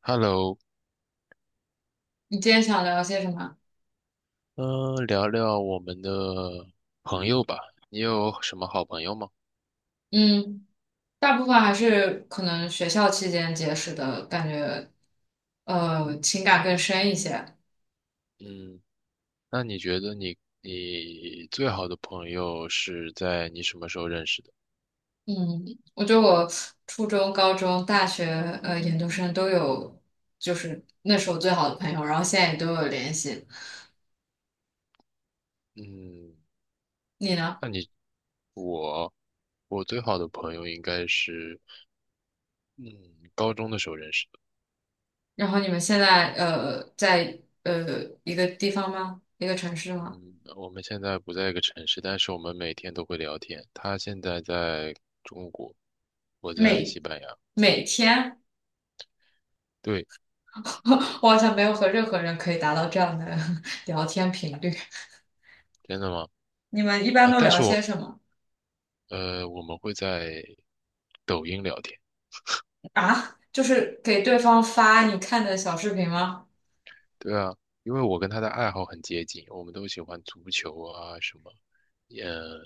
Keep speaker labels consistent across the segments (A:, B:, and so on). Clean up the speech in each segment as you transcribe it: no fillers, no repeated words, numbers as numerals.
A: Hello，
B: 你今天想聊些什么？
A: 聊聊我们的朋友吧。你有什么好朋友吗？
B: 嗯，大部分还是可能学校期间结识的感觉，情感更深一些。
A: 嗯，那你觉得你最好的朋友是在你什么时候认识的？
B: 嗯，我觉得我初中、高中、大学、研究生都有，就是那时候最好的朋友，然后现在也都有联系。
A: 嗯，
B: 你呢？
A: 那你我我最好的朋友应该是嗯高中的时候认识的。
B: 然后你们现在在一个地方吗？一个城市吗？
A: 嗯，我们现在不在一个城市，但是我们每天都会聊天。他现在在中国，我在
B: 每
A: 西班牙。
B: 每天，
A: 对。
B: 我好像没有和任何人可以达到这样的 聊天频率。
A: 真的吗？
B: 你们一般都
A: 但
B: 聊
A: 是
B: 些什么
A: 我们会在抖音聊天。
B: 啊？就是给对方发你看的小视频吗？
A: 对啊，因为我跟他的爱好很接近，我们都喜欢足球啊，什么，呃，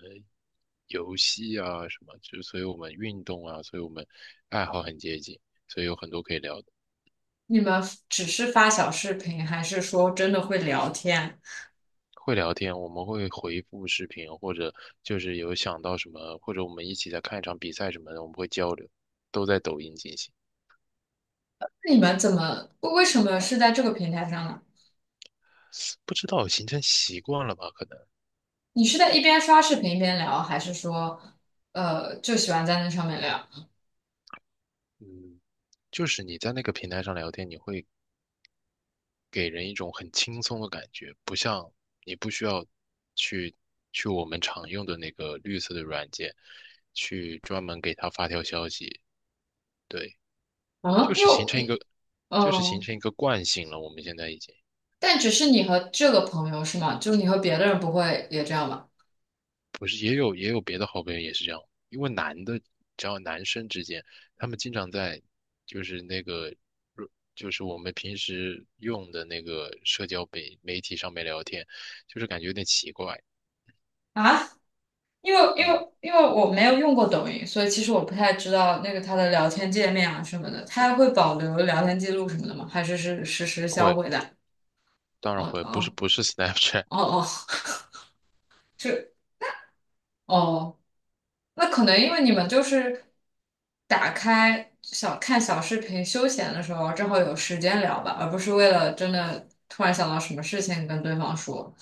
A: 游戏啊，什么，就所以我们运动啊，所以我们爱好很接近，所以有很多可以聊的。
B: 你们只是发小视频，还是说真的会聊天？
A: 会聊天，我们会回复视频，或者就是有想到什么，或者我们一起在看一场比赛什么的，我们会交流，都在抖音进行。
B: 那你们怎么，为什么是在这个平台上呢？
A: 不知道形成习惯了吧？可能，
B: 你是在一边刷视频一边聊，还是说，就喜欢在那上面聊？
A: 嗯，就是你在那个平台上聊天，你会给人一种很轻松的感觉，不像你不需要去去我们常用的那个绿色的软件，去专门给他发条消息。对，
B: 嗯，
A: 就是形
B: 又，
A: 成一个，就是形
B: 嗯，
A: 成一个惯性了。我们现在已经
B: 但只是你和这个朋友是吗？就是你和别的人不会也这样吗？
A: 不是也有别的好朋友也是这样。因为男的，只要男生之间，他们经常在就是那个。就是我们平时用的那个社交媒体上面聊天，就是感觉有点奇怪。
B: 啊？因为因
A: 嗯，
B: 为因为我没有用过抖音，所以其实我不太知道那个它的聊天界面啊什么的，它会保留聊天记录什么的吗？还是是实时销
A: 会。
B: 毁的？
A: 当然
B: 哦
A: 会，不是
B: 哦
A: 不是 Snapchat。
B: 哦哦，就哦，那可能因为你们就是打开小看小视频休闲的时候，正好有时间聊吧，而不是为了真的突然想到什么事情跟对方说。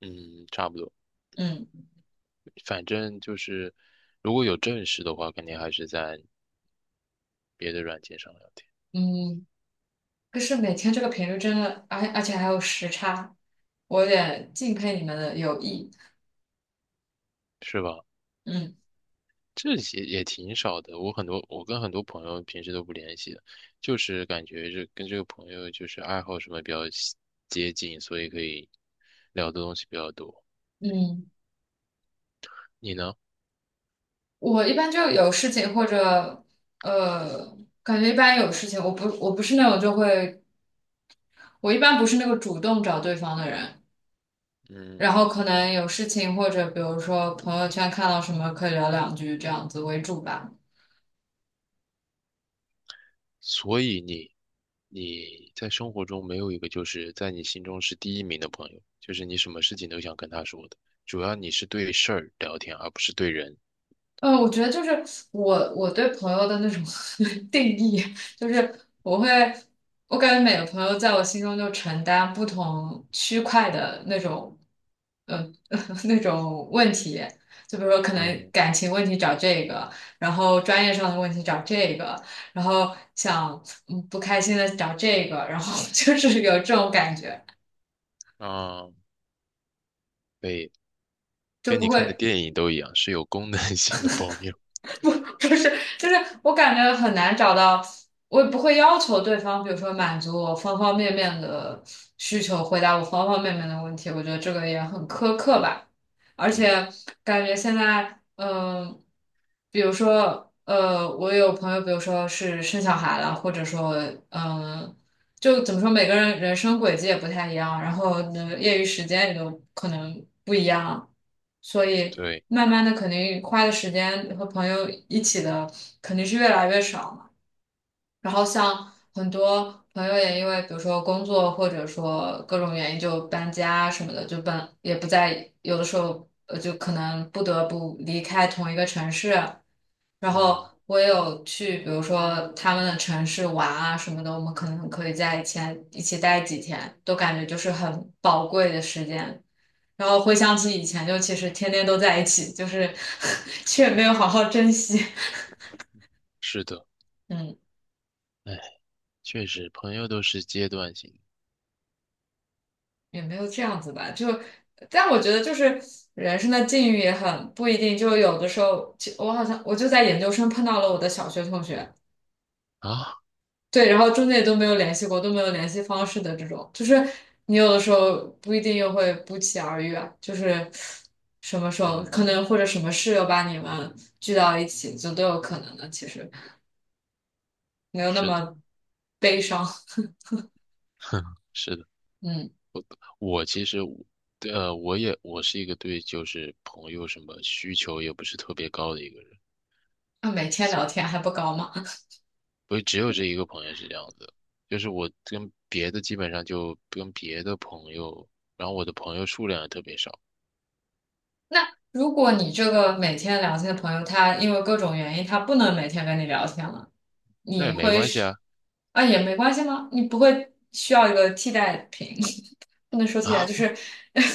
A: 嗯，差不多。
B: 嗯
A: 反正就是如果有正事的话，肯定还是在别的软件上聊天。
B: 嗯，可是每天这个频率真的，而且还有时差，我有点敬佩你们的友谊。
A: 是吧？
B: 嗯
A: 这些也挺少的，我跟很多朋友平时都不联系的，就是感觉这跟这个朋友就是爱好什么比较接近，所以可以聊的东西比较多。
B: 嗯，
A: 你呢？
B: 我一般就有事情或者呃，感觉一般有事情，我不是那种就会，我一般不是那个主动找对方的人，
A: 嗯。
B: 然后可能有事情或者比如说朋友圈看到什么可以聊两句这样子为主吧。
A: 所以你在生活中没有一个就是在你心中是第一名的朋友，就是你什么事情都想跟他说的，主要你是对事儿聊天，而不是对人。
B: 嗯，我觉得就是我对朋友的那种 定义，就是我会，我感觉每个朋友在我心中就承担不同区块的那种，嗯、呃 那种问题，就比如说可能
A: 嗯
B: 感情问题找这个，然后专业上的问题找这个，然后想不开心的找这个，然后 就是有这种感觉。
A: 啊，对，
B: 就
A: 跟
B: 不
A: 你看的
B: 会。
A: 电影都一样，是有功能 性的朋友。
B: 就是就是我感觉很难找到，我也不会要求对方，比如说满足我方方面面的需求，回答我方方面面的问题，我觉得这个也很苛刻吧。而
A: 嗯，
B: 且感觉现在，比如说，我有朋友，比如说是生小孩了，或者说，嗯、就怎么说，每个人人生轨迹也不太一样，然后呢，业余时间也都可能不一样，所以
A: 对，
B: 慢慢的肯定花的时间和朋友一起的肯定是越来越少嘛。然后像很多朋友也因为比如说工作或者说各种原因就搬家什么的，就搬也不在，有的时候就可能不得不离开同一个城市。然后
A: 嗯，
B: 我也有去，比如说他们的城市玩啊什么的，我们可能可以在以前一起待几天，都感觉就是很宝贵的时间。然后回想起以前，就其实天天都在一起，就是 却没有好好珍惜。
A: 是的。
B: 嗯，
A: 哎，确实，朋友都是阶段性
B: 也没有这样子吧，就，但我觉得就是人生的境遇也很不一定，就有的时候，其我好像我就在研究生碰到了我的小学同学，
A: 的啊。
B: 对，然后中间也都没有联系过，都没有联系方式的这种，就是你有的时候不一定又会不期而遇啊，就是什么时候
A: 嗯，
B: 可能或者什么事又把你们聚到一起，就都有可能的。其实没有那
A: 是的，
B: 么悲伤，
A: 是的。
B: 嗯，
A: 我其实对，我是一个对就是朋友什么需求也不是特别高的一个人。
B: 那每天
A: 所
B: 聊天还不高吗？
A: 不只有这一个朋友是这样子，就是我跟别的基本上就跟别的朋友。然后我的朋友数量也特别少。
B: 那如果你这个每天聊天的朋友，他因为各种原因，他不能每天跟你聊天了，
A: 那
B: 你
A: 也没
B: 会
A: 关系
B: 是
A: 啊
B: 啊也没关系吗？你不会需要一个替代品？不能说题了，
A: 啊。
B: 就
A: 不
B: 是，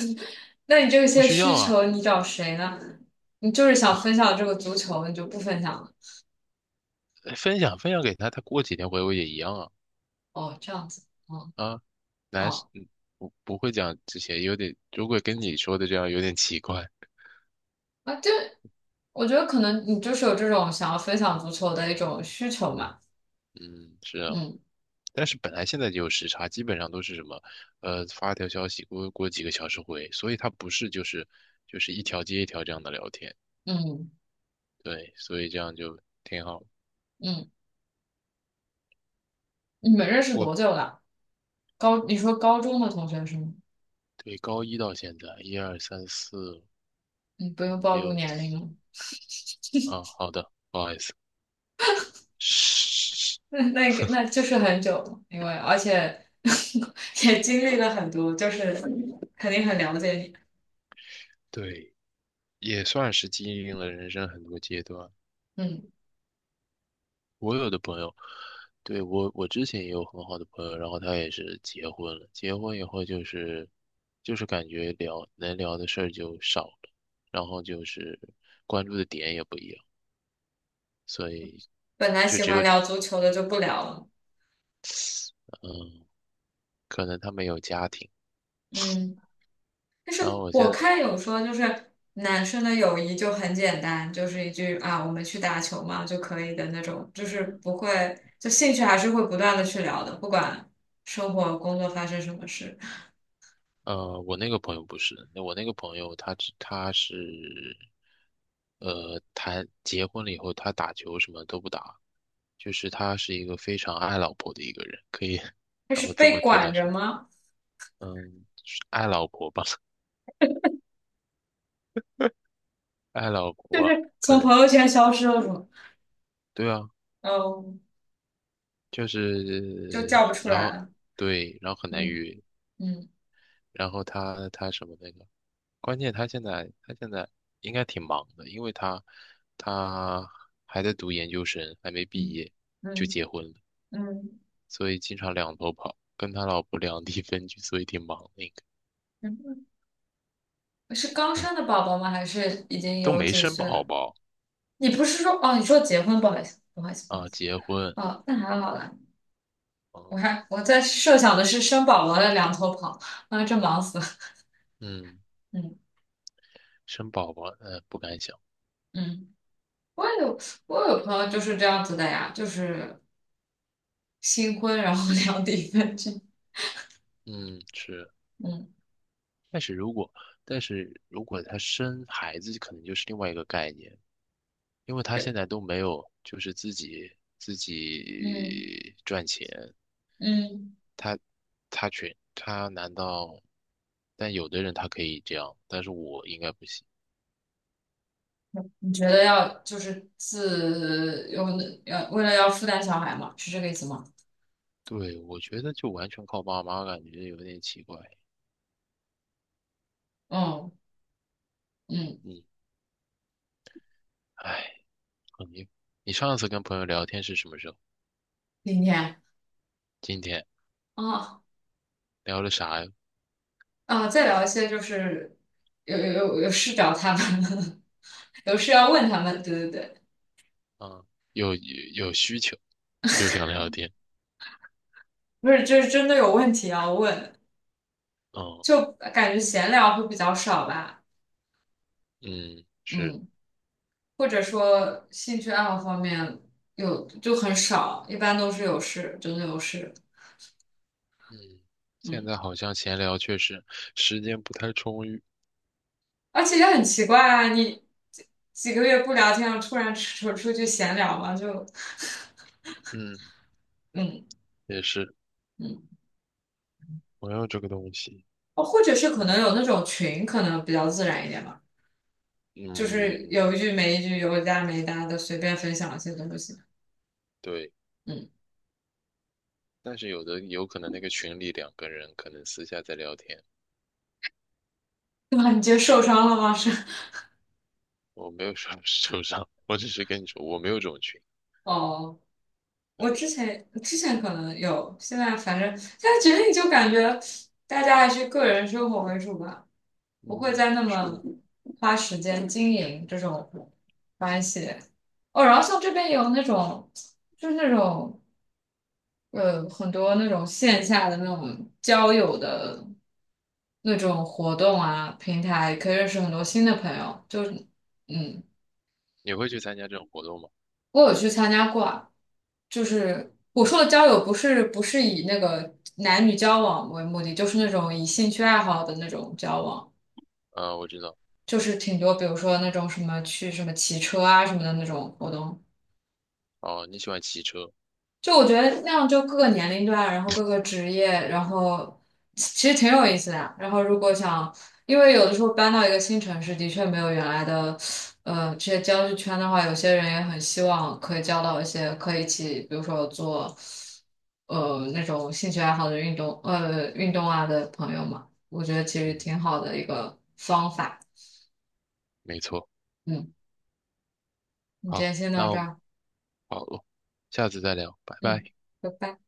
B: 那你这
A: 不
B: 些
A: 需要
B: 需
A: 啊。
B: 求你找谁呢？你就是想分
A: 啊，
B: 享这个足球，你就不分享了？
A: 分享给他，他过几天回我也一样啊。
B: 哦，这样子，哦
A: 啊，男是
B: 哦，
A: 嗯不会讲这些，有点如果跟你说的这样有点奇怪。
B: 啊，这我觉得可能你就是有这种想要分享足球的一种需求嘛。
A: 嗯，是啊。
B: 嗯
A: 但是本来现在就有时差，基本上都是什么，发条消息过几个小时回，所以他不是就是一条接一条这样的聊天。
B: 嗯
A: 对，所以这样就挺好。
B: 嗯，你们认识
A: 我
B: 多久了？你说高中的同学是吗？
A: 对，高一到现在，一二三四
B: 你不用
A: 五
B: 暴露
A: 六
B: 年龄
A: 七。
B: 了，
A: 啊，好的，不好意思。是，
B: 那那就是很久了，因为而且 也经历了很多，就是肯定很了解你。
A: 对，也算是经历了人生很多阶段。
B: 嗯。
A: 我有的朋友，对，我之前也有很好的朋友，然后他也是结婚了，结婚以后就是感觉能聊的事儿就少了，然后就是关注的点也不一样，所以
B: 本来
A: 就
B: 喜
A: 只有
B: 欢
A: 这。
B: 聊足球的就不聊了。
A: 嗯，可能他们有家庭。
B: 嗯，但是
A: 然后我现
B: 我
A: 在
B: 看有说，就是男生的友谊就很简单，就是一句啊，我们去打球嘛就可以的那种，就是不会，就兴趣还是会不断的去聊的，不管生活、工作发生什么事。
A: 呃，我那个朋友不是，那我那个朋友他是，谈结婚了以后，他打球什么都不打，就是他是一个非常爱老婆的一个人，可以，
B: 但
A: 然
B: 是
A: 后这
B: 被
A: 么替代
B: 管着
A: 说。
B: 吗？
A: 嗯，是爱老婆吧，爱老婆，可
B: 从
A: 能，
B: 朋友圈消失了是吗？
A: 对啊，
B: 嗯，
A: 就
B: 就
A: 是
B: 叫不
A: 很，
B: 出
A: 然
B: 来
A: 后
B: 了。
A: 对，然后很难
B: 嗯
A: 约，
B: 嗯
A: 然后他什么那个。关键他现在应该挺忙的，因为他还在读研究生，还没毕
B: 嗯
A: 业就
B: 嗯
A: 结婚了，
B: 嗯
A: 所以经常两头跑，跟他老婆两地 分居，所以挺忙的应
B: 嗯，是刚
A: 该。
B: 生
A: 唉，
B: 的宝宝吗？还是已经
A: 都
B: 有
A: 没
B: 几
A: 生
B: 岁
A: 宝
B: 了？
A: 宝
B: 你不是说哦？你说结婚，不好意思，不好意思，不好意
A: 啊。
B: 思。
A: 结婚。
B: 哦，那还好了，
A: 嗯
B: 我在设想的是生宝宝的两头跑，啊，这忙死了。
A: 嗯，
B: 嗯
A: 生宝宝，不敢想。
B: 嗯，我也有我有朋友就是这样子的呀，就是新婚然后 两地分居。
A: 嗯是，
B: 嗯
A: 但是如果但是如果他生孩子，可能就是另外一个概念，因为他现在都没有就是自己自
B: 嗯
A: 己赚钱。
B: 嗯，
A: 他难道？但有的人他可以这样，但是我应该不行。
B: 你觉得要就是自有要为了要负担小孩吗？是这个意思吗？
A: 对，我觉得就完全靠爸妈，感觉有点奇怪。
B: 嗯嗯，
A: 嗯，唉，你你上次跟朋友聊天是什么时候？
B: 明天。
A: 今天
B: 哦
A: 聊了啥呀？
B: 啊，再聊一些就是有事找他们，有事要问他们，对对对，
A: 嗯，有需求就想聊天。
B: 不是，就是真的有问题要问，
A: 嗯
B: 就感觉闲聊会比较少吧，
A: 嗯，是。
B: 嗯，或者说兴趣爱好方面有就很少，一般都是有事，真的有事，
A: 嗯，现
B: 嗯，
A: 在好像闲聊确实时间不太充裕。
B: 而且也很奇怪啊，你几几个月不聊天了，突然出去闲聊嘛，就
A: 嗯，
B: 嗯
A: 也是
B: 嗯，
A: 朋友这个东西。
B: 哦，或者是可能有那种群，可能比较自然一点吧。就是
A: 嗯，
B: 有一句没一句，有搭没搭的，随便分享一些东西。
A: 对。
B: 嗯，
A: 但是有可能那个群里两个人可能私下在聊天。
B: 对吧？你觉得受伤了吗？是，
A: 我没有说 受伤，我只是跟你说我没有这种群。
B: 哦，
A: 呃，
B: 我之前可能有，现在反正现在决定就感觉大家还是个人生活为主吧，不会
A: 嗯，
B: 再那么
A: 是。
B: 花时间经营这种关系。哦，然后像这边有那种，就是那种。很多那种线下的那种交友的那种活动啊，平台可以认识很多新的朋友。就是，嗯，
A: 你会去参加这种活动吗？
B: 我有去参加过啊，就是我说的交友不是以那个男女交往为目的，就是那种以兴趣爱好的那种交往，
A: 啊、我知道。
B: 就是挺多，比如说那种什么去什么骑车啊什么的那种活动。
A: 哦，你喜欢骑车。
B: 就我觉得那样，就各个年龄段，然后各个职业，然后其其实挺有意思的。然后如果想，因为有的时候搬到一个新城市，的确没有原来的这些交际圈的话，有些人也很希望可以交到一些可以一起，比如说做那种兴趣爱好的运动啊的朋友嘛。我觉得其实
A: 嗯，
B: 挺好的一个方法。
A: 没错。
B: 嗯，你今
A: 好，
B: 天先到这儿，
A: 好了，下次再聊，拜拜。
B: 嗯，拜拜。